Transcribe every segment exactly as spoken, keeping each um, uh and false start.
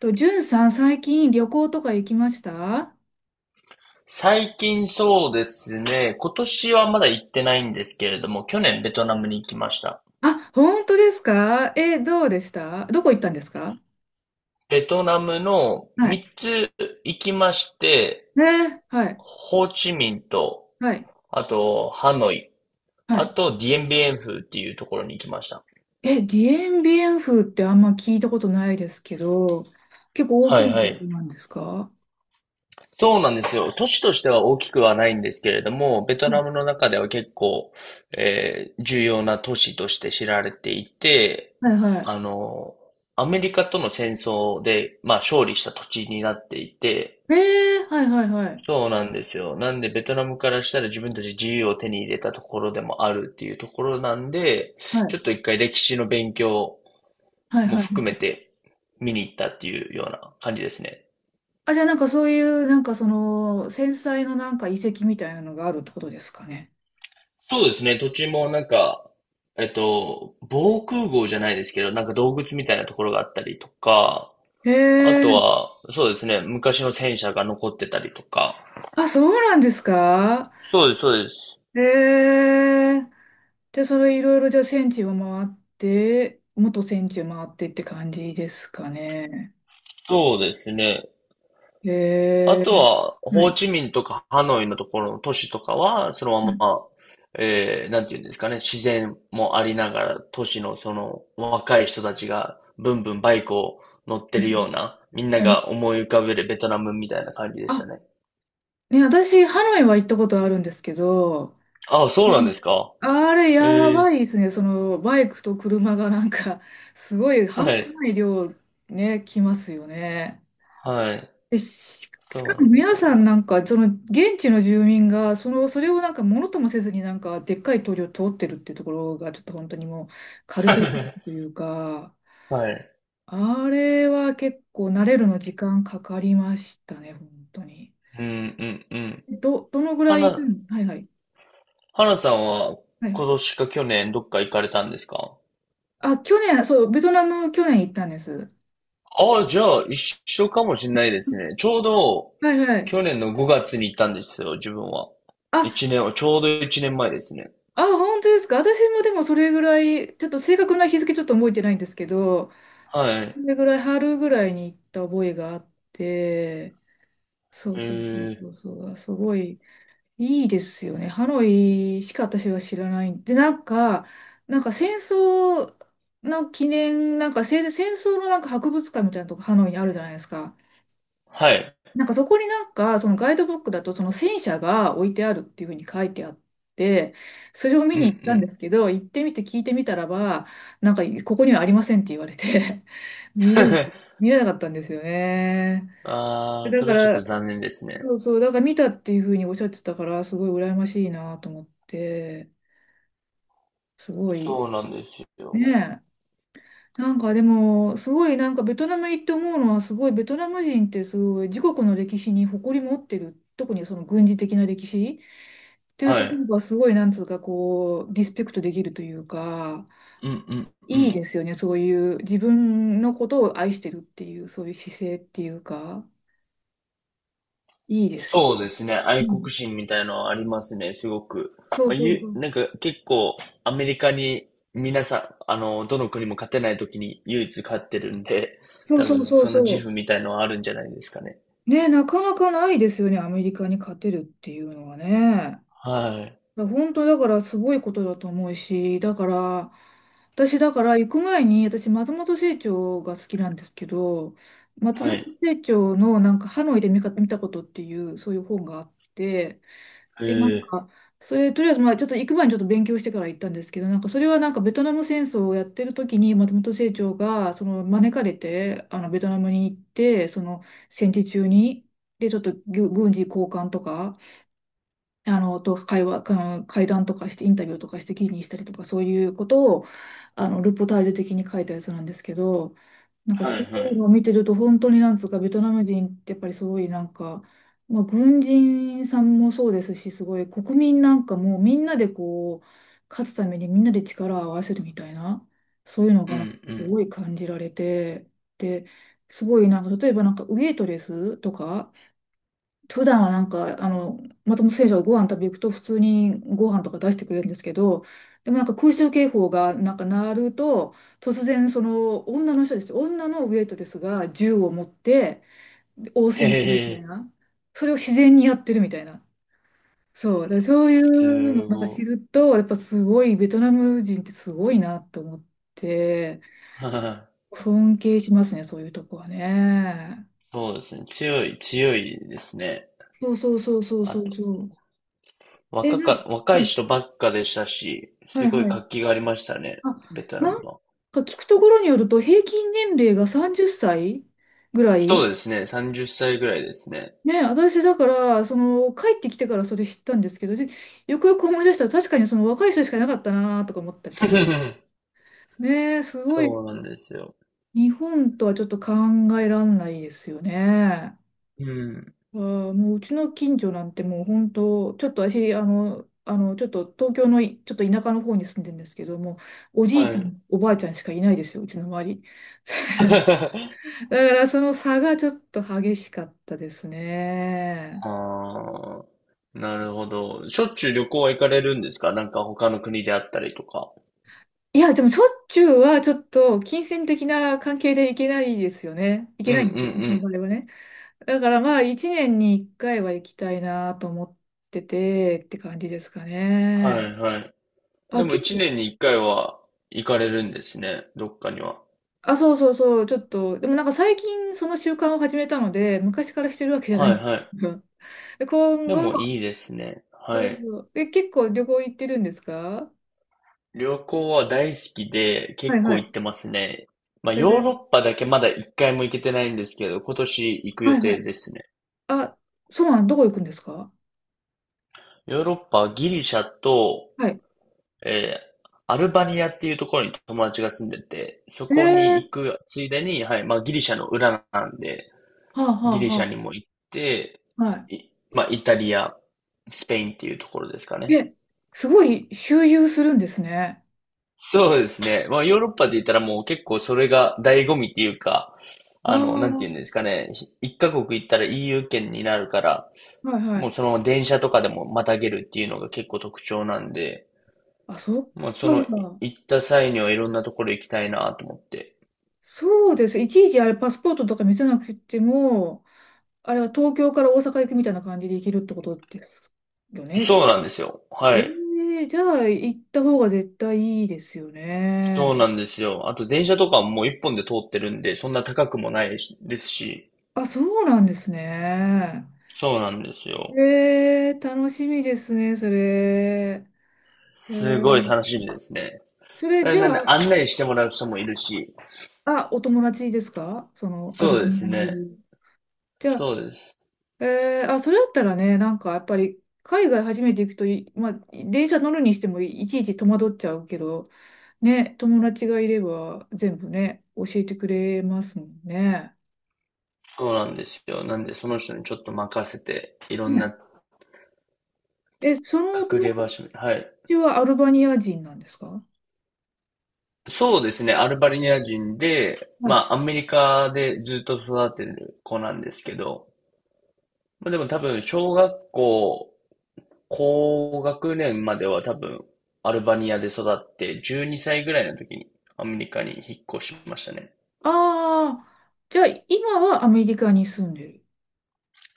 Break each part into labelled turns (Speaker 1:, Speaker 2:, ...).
Speaker 1: と、じゅんさん、最近旅行とか行きました？
Speaker 2: 最近そうですね、今年はまだ行ってないんですけれども、去年ベトナムに行きました。
Speaker 1: あ、本当ですか？え、どうでした？どこ行ったんですか？
Speaker 2: ベトナムの
Speaker 1: は
Speaker 2: 3
Speaker 1: い。
Speaker 2: つ行きまして、
Speaker 1: ね、はい、
Speaker 2: ホーチミンと、
Speaker 1: はい、
Speaker 2: あとハノイ、
Speaker 1: は
Speaker 2: あ
Speaker 1: い。
Speaker 2: とディエンビエンフっていうところに行きました。
Speaker 1: え、ディエンビエンフってあんま聞いたことないですけど、結構大
Speaker 2: は
Speaker 1: き
Speaker 2: い
Speaker 1: な
Speaker 2: は
Speaker 1: ところ
Speaker 2: い。
Speaker 1: なんですか？
Speaker 2: そうなんですよ。都市としては大きくはないんですけれども、ベト
Speaker 1: う
Speaker 2: ナ
Speaker 1: ん。
Speaker 2: ムの中では結構、えー重要な都市として知られていて、
Speaker 1: はい、は
Speaker 2: あの、アメリカとの戦争で、まあ、勝利した土地になっていて、
Speaker 1: い。えー、はい、はい、はい。
Speaker 2: そうなんですよ。なんで、ベトナムからしたら自分たち自由を手に入れたところでもあるっていうところなんで、
Speaker 1: は
Speaker 2: ち
Speaker 1: い、
Speaker 2: ょっと一回歴史の勉強
Speaker 1: はい、
Speaker 2: も
Speaker 1: は
Speaker 2: 含め
Speaker 1: い。
Speaker 2: て見に行ったっていうような感じですね。
Speaker 1: あ、じゃあなんかそういう、なんかその、繊細のなんか遺跡みたいなのがあるってことですかね。
Speaker 2: そうですね。土地もなんか、えっと、防空壕じゃないですけど、なんか洞窟みたいなところがあったりとか、
Speaker 1: へ
Speaker 2: あと
Speaker 1: え、
Speaker 2: は、そうですね。昔の戦車が残ってたりとか。
Speaker 1: あ、そうなんですか？
Speaker 2: そうです、そうです。
Speaker 1: えー、で、それいろいろじゃあ戦地を回って、元戦地を回ってって感じですかね。
Speaker 2: そうですね。あ
Speaker 1: え
Speaker 2: と
Speaker 1: ー、
Speaker 2: は、
Speaker 1: は
Speaker 2: ホー
Speaker 1: い。
Speaker 2: チミンとかハノイのところの都市とかは、その
Speaker 1: う
Speaker 2: ま
Speaker 1: ん。
Speaker 2: ま、えー、なんていうんですかね、自然もありながら、都市のその若い人たちが、ブンブンバイクを乗って
Speaker 1: は
Speaker 2: るような、みんな
Speaker 1: い。
Speaker 2: が思い浮かべるベトナムみたいな感じでした
Speaker 1: あ、
Speaker 2: ね。
Speaker 1: ね、私、ハノイは行ったことあるんですけど、
Speaker 2: あ、そ
Speaker 1: う
Speaker 2: うなん
Speaker 1: ん、
Speaker 2: ですか。
Speaker 1: あれ、や
Speaker 2: ええ、
Speaker 1: ばいですね。その、バイクと車がなんか、すごい
Speaker 2: は
Speaker 1: 半端
Speaker 2: い、
Speaker 1: ない量、ね、来ますよね。
Speaker 2: はい、
Speaker 1: で、し、
Speaker 2: そ
Speaker 1: し
Speaker 2: う
Speaker 1: か
Speaker 2: な
Speaker 1: も
Speaker 2: んで
Speaker 1: 皆
Speaker 2: す
Speaker 1: さ
Speaker 2: よ。
Speaker 1: んなんか、その現地の住民が、その、それをなんかものともせずになんか、でっかい通りを通ってるってところが、ちょっと本当にもう、カルチャーショックと いうか、
Speaker 2: はい。
Speaker 1: あれは結構慣れるの時間かかりましたね、本当に。
Speaker 2: うん、うん、うん。
Speaker 1: ど、どのぐ
Speaker 2: は
Speaker 1: らい、う
Speaker 2: な、
Speaker 1: ん、はいはい、
Speaker 2: はなさんは、
Speaker 1: はいは
Speaker 2: 今
Speaker 1: い。
Speaker 2: 年か去年どっか行かれたんですか？
Speaker 1: あ、去年、そう、ベトナム去年行ったんです。
Speaker 2: ああ、じゃあ一緒かもしれないですね。ちょうど、
Speaker 1: はいはい。
Speaker 2: 去年のごがつに行ったんですよ、自分は。
Speaker 1: あ、
Speaker 2: 一年は、ちょうど一年前ですね。
Speaker 1: あ、本当ですか。私もでもそれぐらい、ちょっと正確な日付ちょっと覚えてないんですけど、
Speaker 2: は
Speaker 1: そ
Speaker 2: い。
Speaker 1: れぐらい、春ぐらいに行った覚えがあって、そう
Speaker 2: え
Speaker 1: そうそう
Speaker 2: え、
Speaker 1: そうそう、あ、すごいいいですよね。ハノイしか私は知らない。で、なんか、なんか戦争の記念、なんか、戦戦争のなんか博物館みたいなとこハノイにあるじゃないですか。
Speaker 2: はい。
Speaker 1: なんかそこになんか、そのガイドブックだと、その戦車が置いてあるっていうふうに書いてあって、それを
Speaker 2: う
Speaker 1: 見
Speaker 2: んう
Speaker 1: に行ったんで
Speaker 2: ん。
Speaker 1: すけど、行ってみて聞いてみたらば、なんか、ここにはありませんって言われて 見れな、見れなかったんですよね。
Speaker 2: ああ、
Speaker 1: だ
Speaker 2: そ
Speaker 1: か
Speaker 2: れちょっと
Speaker 1: ら、
Speaker 2: 残念ですね。
Speaker 1: そうそう、だから見たっていうふうにおっしゃってたから、すごい羨ましいなと思って、すごい、
Speaker 2: そうなんですよ。
Speaker 1: ね、なんかでも、すごいなんかベトナム行って思うのは、すごいベトナム人ってすごい自国の歴史に誇り持ってる、特にその軍事的な歴史っていう
Speaker 2: は
Speaker 1: とこ
Speaker 2: い。
Speaker 1: ろがすごいなんつうかこう、リスペクトできるというか、
Speaker 2: うんうんう
Speaker 1: いい
Speaker 2: ん。
Speaker 1: ですよね、そういう自分のことを愛してるっていう、そういう姿勢っていうか、いいですよ
Speaker 2: そうで
Speaker 1: ね。
Speaker 2: すね。
Speaker 1: う
Speaker 2: 愛国
Speaker 1: ん。
Speaker 2: 心みたいのはありますね、すごく。ま
Speaker 1: そう
Speaker 2: あ、
Speaker 1: そう
Speaker 2: ゆ、
Speaker 1: そう。
Speaker 2: なんか結構アメリカに皆さん、あの、どの国も勝てない時に唯一勝ってるんで、
Speaker 1: そう
Speaker 2: 多
Speaker 1: そう
Speaker 2: 分
Speaker 1: そう
Speaker 2: その自負
Speaker 1: そ
Speaker 2: みたいのはあるんじゃないですかね。
Speaker 1: う。ね、なかなかないですよね、アメリカに勝てるっていうのはね。
Speaker 2: はい。
Speaker 1: だ本当だからすごいことだと思うし、だから、私だから行く前に、私松本清張が好きなんですけど、松
Speaker 2: は
Speaker 1: 本
Speaker 2: い。
Speaker 1: 清張のなんかハノイで見か、見たことっていう、そういう本があって、
Speaker 2: へ
Speaker 1: で、なん
Speaker 2: え。
Speaker 1: か、それとりあえずまあちょっと行く前にちょっと勉強してから行ったんですけど、なんかそれはなんかベトナム戦争をやってる時に松本清張がその招かれて、あのベトナムに行って、その戦時中に、で、ちょっと軍軍事交換とか、あの、と、会話、あの会談とかして、インタビューとかして記事にしたりとか、そういうことを、あの、ルポタージュ的に書いたやつなんですけど、なんかそ
Speaker 2: は
Speaker 1: うい
Speaker 2: いは
Speaker 1: う
Speaker 2: い。
Speaker 1: のを見てると、本当になんつうか、ベトナム人ってやっぱりすごいなんか、まあ、軍人さんもそうですし、すごい国民なんかもみんなでこう、勝つためにみんなで力を合わせるみたいな、そういうの
Speaker 2: う
Speaker 1: がな
Speaker 2: んう
Speaker 1: す
Speaker 2: ん。
Speaker 1: ごい感じられて、で、すごいなんか、例えばなんかウエイトレスとか、普段はなんか、あの、松本選手がご飯食べ行くと普通にご飯とか出してくれるんですけど、でもなんか空襲警報がなんか鳴ると、突然その女の人です。女のウェイトレスが銃を持ってで応
Speaker 2: へ
Speaker 1: 戦するみたい
Speaker 2: え。
Speaker 1: な。それを自然にやってるみたいな。そう。だからそういうの
Speaker 2: す
Speaker 1: をなんか知
Speaker 2: ご
Speaker 1: ると、やっぱすごい、ベトナム人ってすごいなと思って、
Speaker 2: い。はい。
Speaker 1: 尊敬しますね、そういうとこはね。
Speaker 2: そうですね。強い、強いですね。
Speaker 1: そうそうそうそう
Speaker 2: あ
Speaker 1: そう
Speaker 2: と、
Speaker 1: そう。え、
Speaker 2: 若
Speaker 1: な、は
Speaker 2: か、若い
Speaker 1: い
Speaker 2: 人ばっかでしたし、
Speaker 1: は
Speaker 2: す
Speaker 1: い
Speaker 2: ごい
Speaker 1: はい。
Speaker 2: 活気がありましたね、
Speaker 1: あ、
Speaker 2: ベトナム
Speaker 1: なん
Speaker 2: は。
Speaker 1: か聞くところによると、平均年齢がさんじゅっさいぐら
Speaker 2: そ
Speaker 1: い。
Speaker 2: うですね。さんじゅっさいぐらいですね。
Speaker 1: ね、私だから、その、帰ってきてからそれ知ったんですけど、でよくよく思い出したら、確かにその若い人しかいなかったなとか思ったりとか。ねえ、すごい、
Speaker 2: そうなんですよ。
Speaker 1: 日本とはちょっと考えらんないですよね。
Speaker 2: うん。
Speaker 1: あー、もううちの近所なんてもう本当、ちょっと私、あの、あの、ちょっと東京のいちょっと田舎の方に住んでるんですけども、おじい
Speaker 2: は
Speaker 1: ちゃん、
Speaker 2: い。
Speaker 1: おばあちゃんしかいないですよ、うちの周り。だからその差がちょっと激しかったですね。
Speaker 2: ああ、なるほど。しょっちゅう旅行は行かれるんですか？なんか他の国であったりとか。
Speaker 1: いや、でもしょっちゅうはちょっと金銭的な関係で行けないですよね。行
Speaker 2: う
Speaker 1: け
Speaker 2: んう
Speaker 1: な
Speaker 2: んう
Speaker 1: いんですよ、私の
Speaker 2: ん。
Speaker 1: 場合はね。だからまあ一年に一回は行きたいなと思っててって感じですか
Speaker 2: は
Speaker 1: ね。
Speaker 2: いはい。で
Speaker 1: あ、
Speaker 2: も
Speaker 1: 結
Speaker 2: 一
Speaker 1: 構、
Speaker 2: 年に一回は行かれるんですね。どっかには。
Speaker 1: あ、そうそうそう、ちょっと、でもなんか最近その習慣を始めたので、昔からしてるわけじゃな
Speaker 2: は
Speaker 1: いん
Speaker 2: い
Speaker 1: で
Speaker 2: は
Speaker 1: す
Speaker 2: い。
Speaker 1: けど。で今
Speaker 2: でも
Speaker 1: 後、
Speaker 2: いいですね。はい。
Speaker 1: うん、え、結構旅行行ってるんですか？
Speaker 2: 旅行は大好きで
Speaker 1: は
Speaker 2: 結
Speaker 1: いは
Speaker 2: 構行
Speaker 1: い。
Speaker 2: ってますね。まあ
Speaker 1: え
Speaker 2: ヨー
Speaker 1: ー、
Speaker 2: ロッパだけまだ一回も行けてないんですけど、今年行く
Speaker 1: は
Speaker 2: 予
Speaker 1: いは
Speaker 2: 定
Speaker 1: い。
Speaker 2: ですね。
Speaker 1: あ、そうなん、どこ行くんですか？
Speaker 2: ヨーロッパはギリシャと、
Speaker 1: はい。
Speaker 2: えーアルバニアっていうところに友達が住んでて、そ
Speaker 1: え
Speaker 2: こに
Speaker 1: え、
Speaker 2: 行くついでに、はい、まあギリシャの裏なんで、
Speaker 1: はあ、は
Speaker 2: ギ
Speaker 1: あ、
Speaker 2: リシャ
Speaker 1: は
Speaker 2: にも行って、
Speaker 1: あ、は
Speaker 2: いまあイタリア、スペインっていうところですか
Speaker 1: い。
Speaker 2: ね。
Speaker 1: え、すごい周遊するんですね。
Speaker 2: そうですね。まあヨーロッパで言ったらもう結構それが醍醐味っていうか、
Speaker 1: ああ、
Speaker 2: あの、なんて
Speaker 1: は
Speaker 2: 言うんですかね。一カ国行ったら イーユー 圏になるから、
Speaker 1: い、は
Speaker 2: もう
Speaker 1: い。
Speaker 2: そのまま電車とかでもまたげるっていうのが結構特徴なんで、
Speaker 1: あ、そっ
Speaker 2: まあ、その、
Speaker 1: か。
Speaker 2: 行った際にはいろんなところ行きたいなと思って。
Speaker 1: そうです。いちいちあれ、パスポートとか見せなくても、あれは東京から大阪行くみたいな感じで行けるってことですよね。
Speaker 2: そうなんですよ。は
Speaker 1: え
Speaker 2: い。
Speaker 1: え、じゃあ行った方が絶対いいですよね。
Speaker 2: そうなんですよ。あと電車とかももう一本で通ってるんで、そんな高くもないしですし、
Speaker 1: あ、そうなんですね。
Speaker 2: そうなんですよ。
Speaker 1: ええ、楽しみですね、それ。え
Speaker 2: すごい
Speaker 1: え、
Speaker 2: 楽しみですね。
Speaker 1: それ
Speaker 2: え
Speaker 1: じゃ
Speaker 2: なんで
Speaker 1: あ、
Speaker 2: 案内してもらう人もいるし、
Speaker 1: あ、お友達ですか？そのア
Speaker 2: そ
Speaker 1: ル
Speaker 2: う
Speaker 1: バ
Speaker 2: で
Speaker 1: ニ
Speaker 2: す
Speaker 1: アにい
Speaker 2: ね。
Speaker 1: る。じゃあ、
Speaker 2: そうです。
Speaker 1: えーあ、それだったらね、なんかやっぱり海外初めて行くとい、まあ、電車乗るにしてもいちいち戸惑っちゃうけど、ね、友達がいれば全部ね、教えてくれますもんね。
Speaker 2: そうなんですよ。なんでその人にちょっと任せて、いろん
Speaker 1: ね
Speaker 2: な
Speaker 1: え、そのお友
Speaker 2: 隠れ場所に、はい。
Speaker 1: 達はアルバニア人なんですか？
Speaker 2: そうですね。アルバニア人で、
Speaker 1: はい。
Speaker 2: ま
Speaker 1: あ
Speaker 2: あ、アメリカでずっと育ってる子なんですけど、まあ、でも多分、小学校、高学年までは多分、アルバニアで育って、じゅうにさいぐらいの時にアメリカに引っ越しましたね。
Speaker 1: あ、じゃあ今はアメリカに住んでる。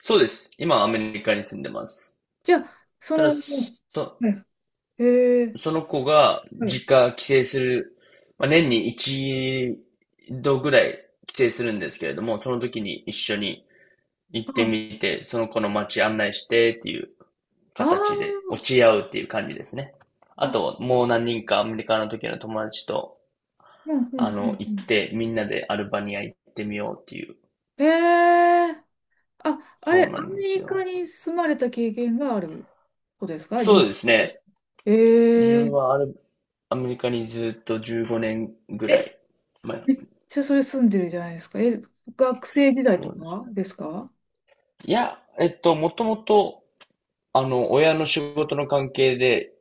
Speaker 2: そうです。今、アメリカに住んでます。
Speaker 1: じゃあ、そ
Speaker 2: た
Speaker 1: の、
Speaker 2: だ、そ、
Speaker 1: はい。えー、
Speaker 2: その子が
Speaker 1: はい。
Speaker 2: 実家帰省する、まあ、年に一度ぐらい帰省するんですけれども、その時に一緒に行って
Speaker 1: あ
Speaker 2: みて、その子の街案内してっていう
Speaker 1: あー、
Speaker 2: 形で落ち合うっていう感じですね。あ
Speaker 1: あ、
Speaker 2: と、もう何人かアメリカの時の友達と、
Speaker 1: うん、うん、う
Speaker 2: あの、
Speaker 1: ん
Speaker 2: 行
Speaker 1: う
Speaker 2: っ
Speaker 1: ん。
Speaker 2: てみんなでアルバニア行ってみようっていう。
Speaker 1: ええ、あ、あれ、ア
Speaker 2: そうなんで
Speaker 1: メ
Speaker 2: す
Speaker 1: リカ
Speaker 2: よ。
Speaker 1: に住まれた経験があることですか？じゅう
Speaker 2: そうですね。自分
Speaker 1: え
Speaker 2: はアル、アメリカにずっとじゅうごねんぐ
Speaker 1: え
Speaker 2: ら
Speaker 1: え、
Speaker 2: い前。
Speaker 1: めっちゃそれ住んでるじゃないですか。え、学生時代
Speaker 2: そ
Speaker 1: と
Speaker 2: うです
Speaker 1: か
Speaker 2: ね。
Speaker 1: ですか？
Speaker 2: いや、えっと、もともとあの、親の仕事の関係で、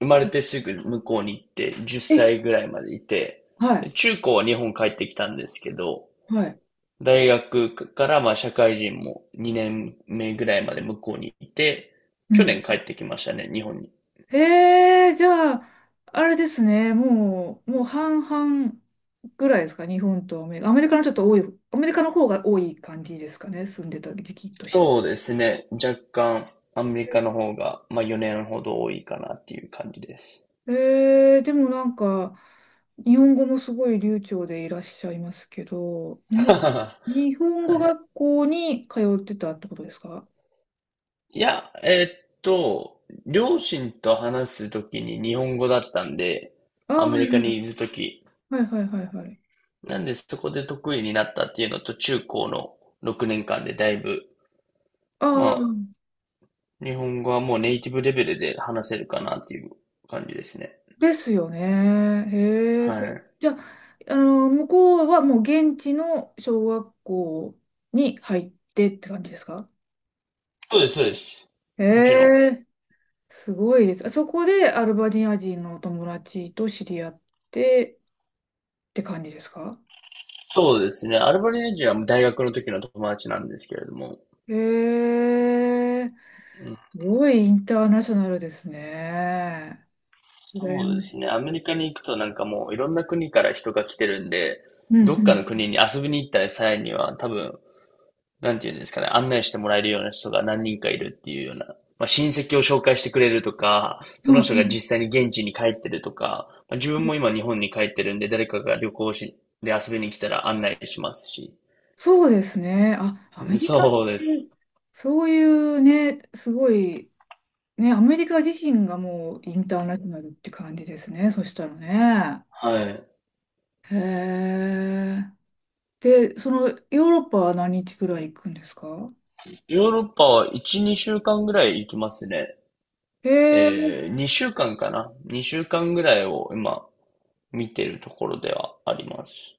Speaker 2: 生まれてすぐ向こうに行って、10
Speaker 1: え、
Speaker 2: 歳ぐらいまでいて、
Speaker 1: は
Speaker 2: で
Speaker 1: い、
Speaker 2: 中高は日本帰ってきたんですけど、
Speaker 1: はい。
Speaker 2: 大学からまあ社会人もにねんめぐらいまで向こうにいて、
Speaker 1: う
Speaker 2: 去
Speaker 1: ん。
Speaker 2: 年帰ってきましたね、日本に。
Speaker 1: ええ、じゃあ、あれですね、もう、もう半々ぐらいですか、日本とアメリカ。アメリカのちょっと多い、アメリカの方が多い感じですかね、住んでた時期として。
Speaker 2: そうですね、若干アメリカの方が、まあよねんほど多いかなっていう感じです。
Speaker 1: えー、でもなんか、日本語もすごい流暢でいらっしゃいますけど、に、
Speaker 2: は
Speaker 1: 日本語
Speaker 2: い。
Speaker 1: 学校に通ってたってことですか？
Speaker 2: いや、えーっと、両親と話すときに日本語だったんで、
Speaker 1: あ
Speaker 2: アメリカ
Speaker 1: あ、
Speaker 2: にいるとき。
Speaker 1: はいはいはいはいはい。
Speaker 2: なんでそこで得意になったっていうのと、中高のろくねんかんでだいぶ、ま
Speaker 1: あ
Speaker 2: あ、
Speaker 1: あ、
Speaker 2: 日本語はもうネイティブレベルで話せるかなっていう感じですね。
Speaker 1: ですよね。へえ、
Speaker 2: は
Speaker 1: そ、
Speaker 2: い。
Speaker 1: じゃあ、あの、向こうはもう現地の小学校に入ってって感じですか？
Speaker 2: そうです、そうです。
Speaker 1: へ
Speaker 2: もちろん。
Speaker 1: え、すごいです。あそこでアルバニア人のお友達と知り合ってって感じですか？
Speaker 2: そうですね。アルバニージは大学の時の友達なんですけれども、
Speaker 1: へえ、
Speaker 2: う
Speaker 1: すごいインターナショナルですね。羨
Speaker 2: そう
Speaker 1: ま
Speaker 2: で
Speaker 1: し
Speaker 2: す
Speaker 1: い。
Speaker 2: ね。アメリカに行くとなんかもういろんな国から人が来てるんで、
Speaker 1: うんう
Speaker 2: どっかの
Speaker 1: ん。
Speaker 2: 国に遊びに行った際には多分、なんていうんですかね、案内してもらえるような人が何人かいるっていうような、まあ、親戚を紹介してくれるとか、そ
Speaker 1: うん
Speaker 2: の
Speaker 1: う
Speaker 2: 人が
Speaker 1: ん。
Speaker 2: 実際に現地に帰ってるとか、まあ、自分も今日本に帰ってるんで、誰かが旅行し、で遊びに来たら案内しますし。
Speaker 1: そうですね。あ、アメリカって
Speaker 2: そうです。
Speaker 1: そういうね、すごい、ね、アメリカ自身がもうインターナショナルって感じですね。そしたらね。
Speaker 2: はい。
Speaker 1: へえ。で、そのヨーロッパは何日くらい行くんですか？
Speaker 2: ヨーロッパはいち、にしゅうかんぐらい行きますね。
Speaker 1: へえ。
Speaker 2: えー、にしゅうかんかんかな ?に 週間ぐらいを今、見てるところではあります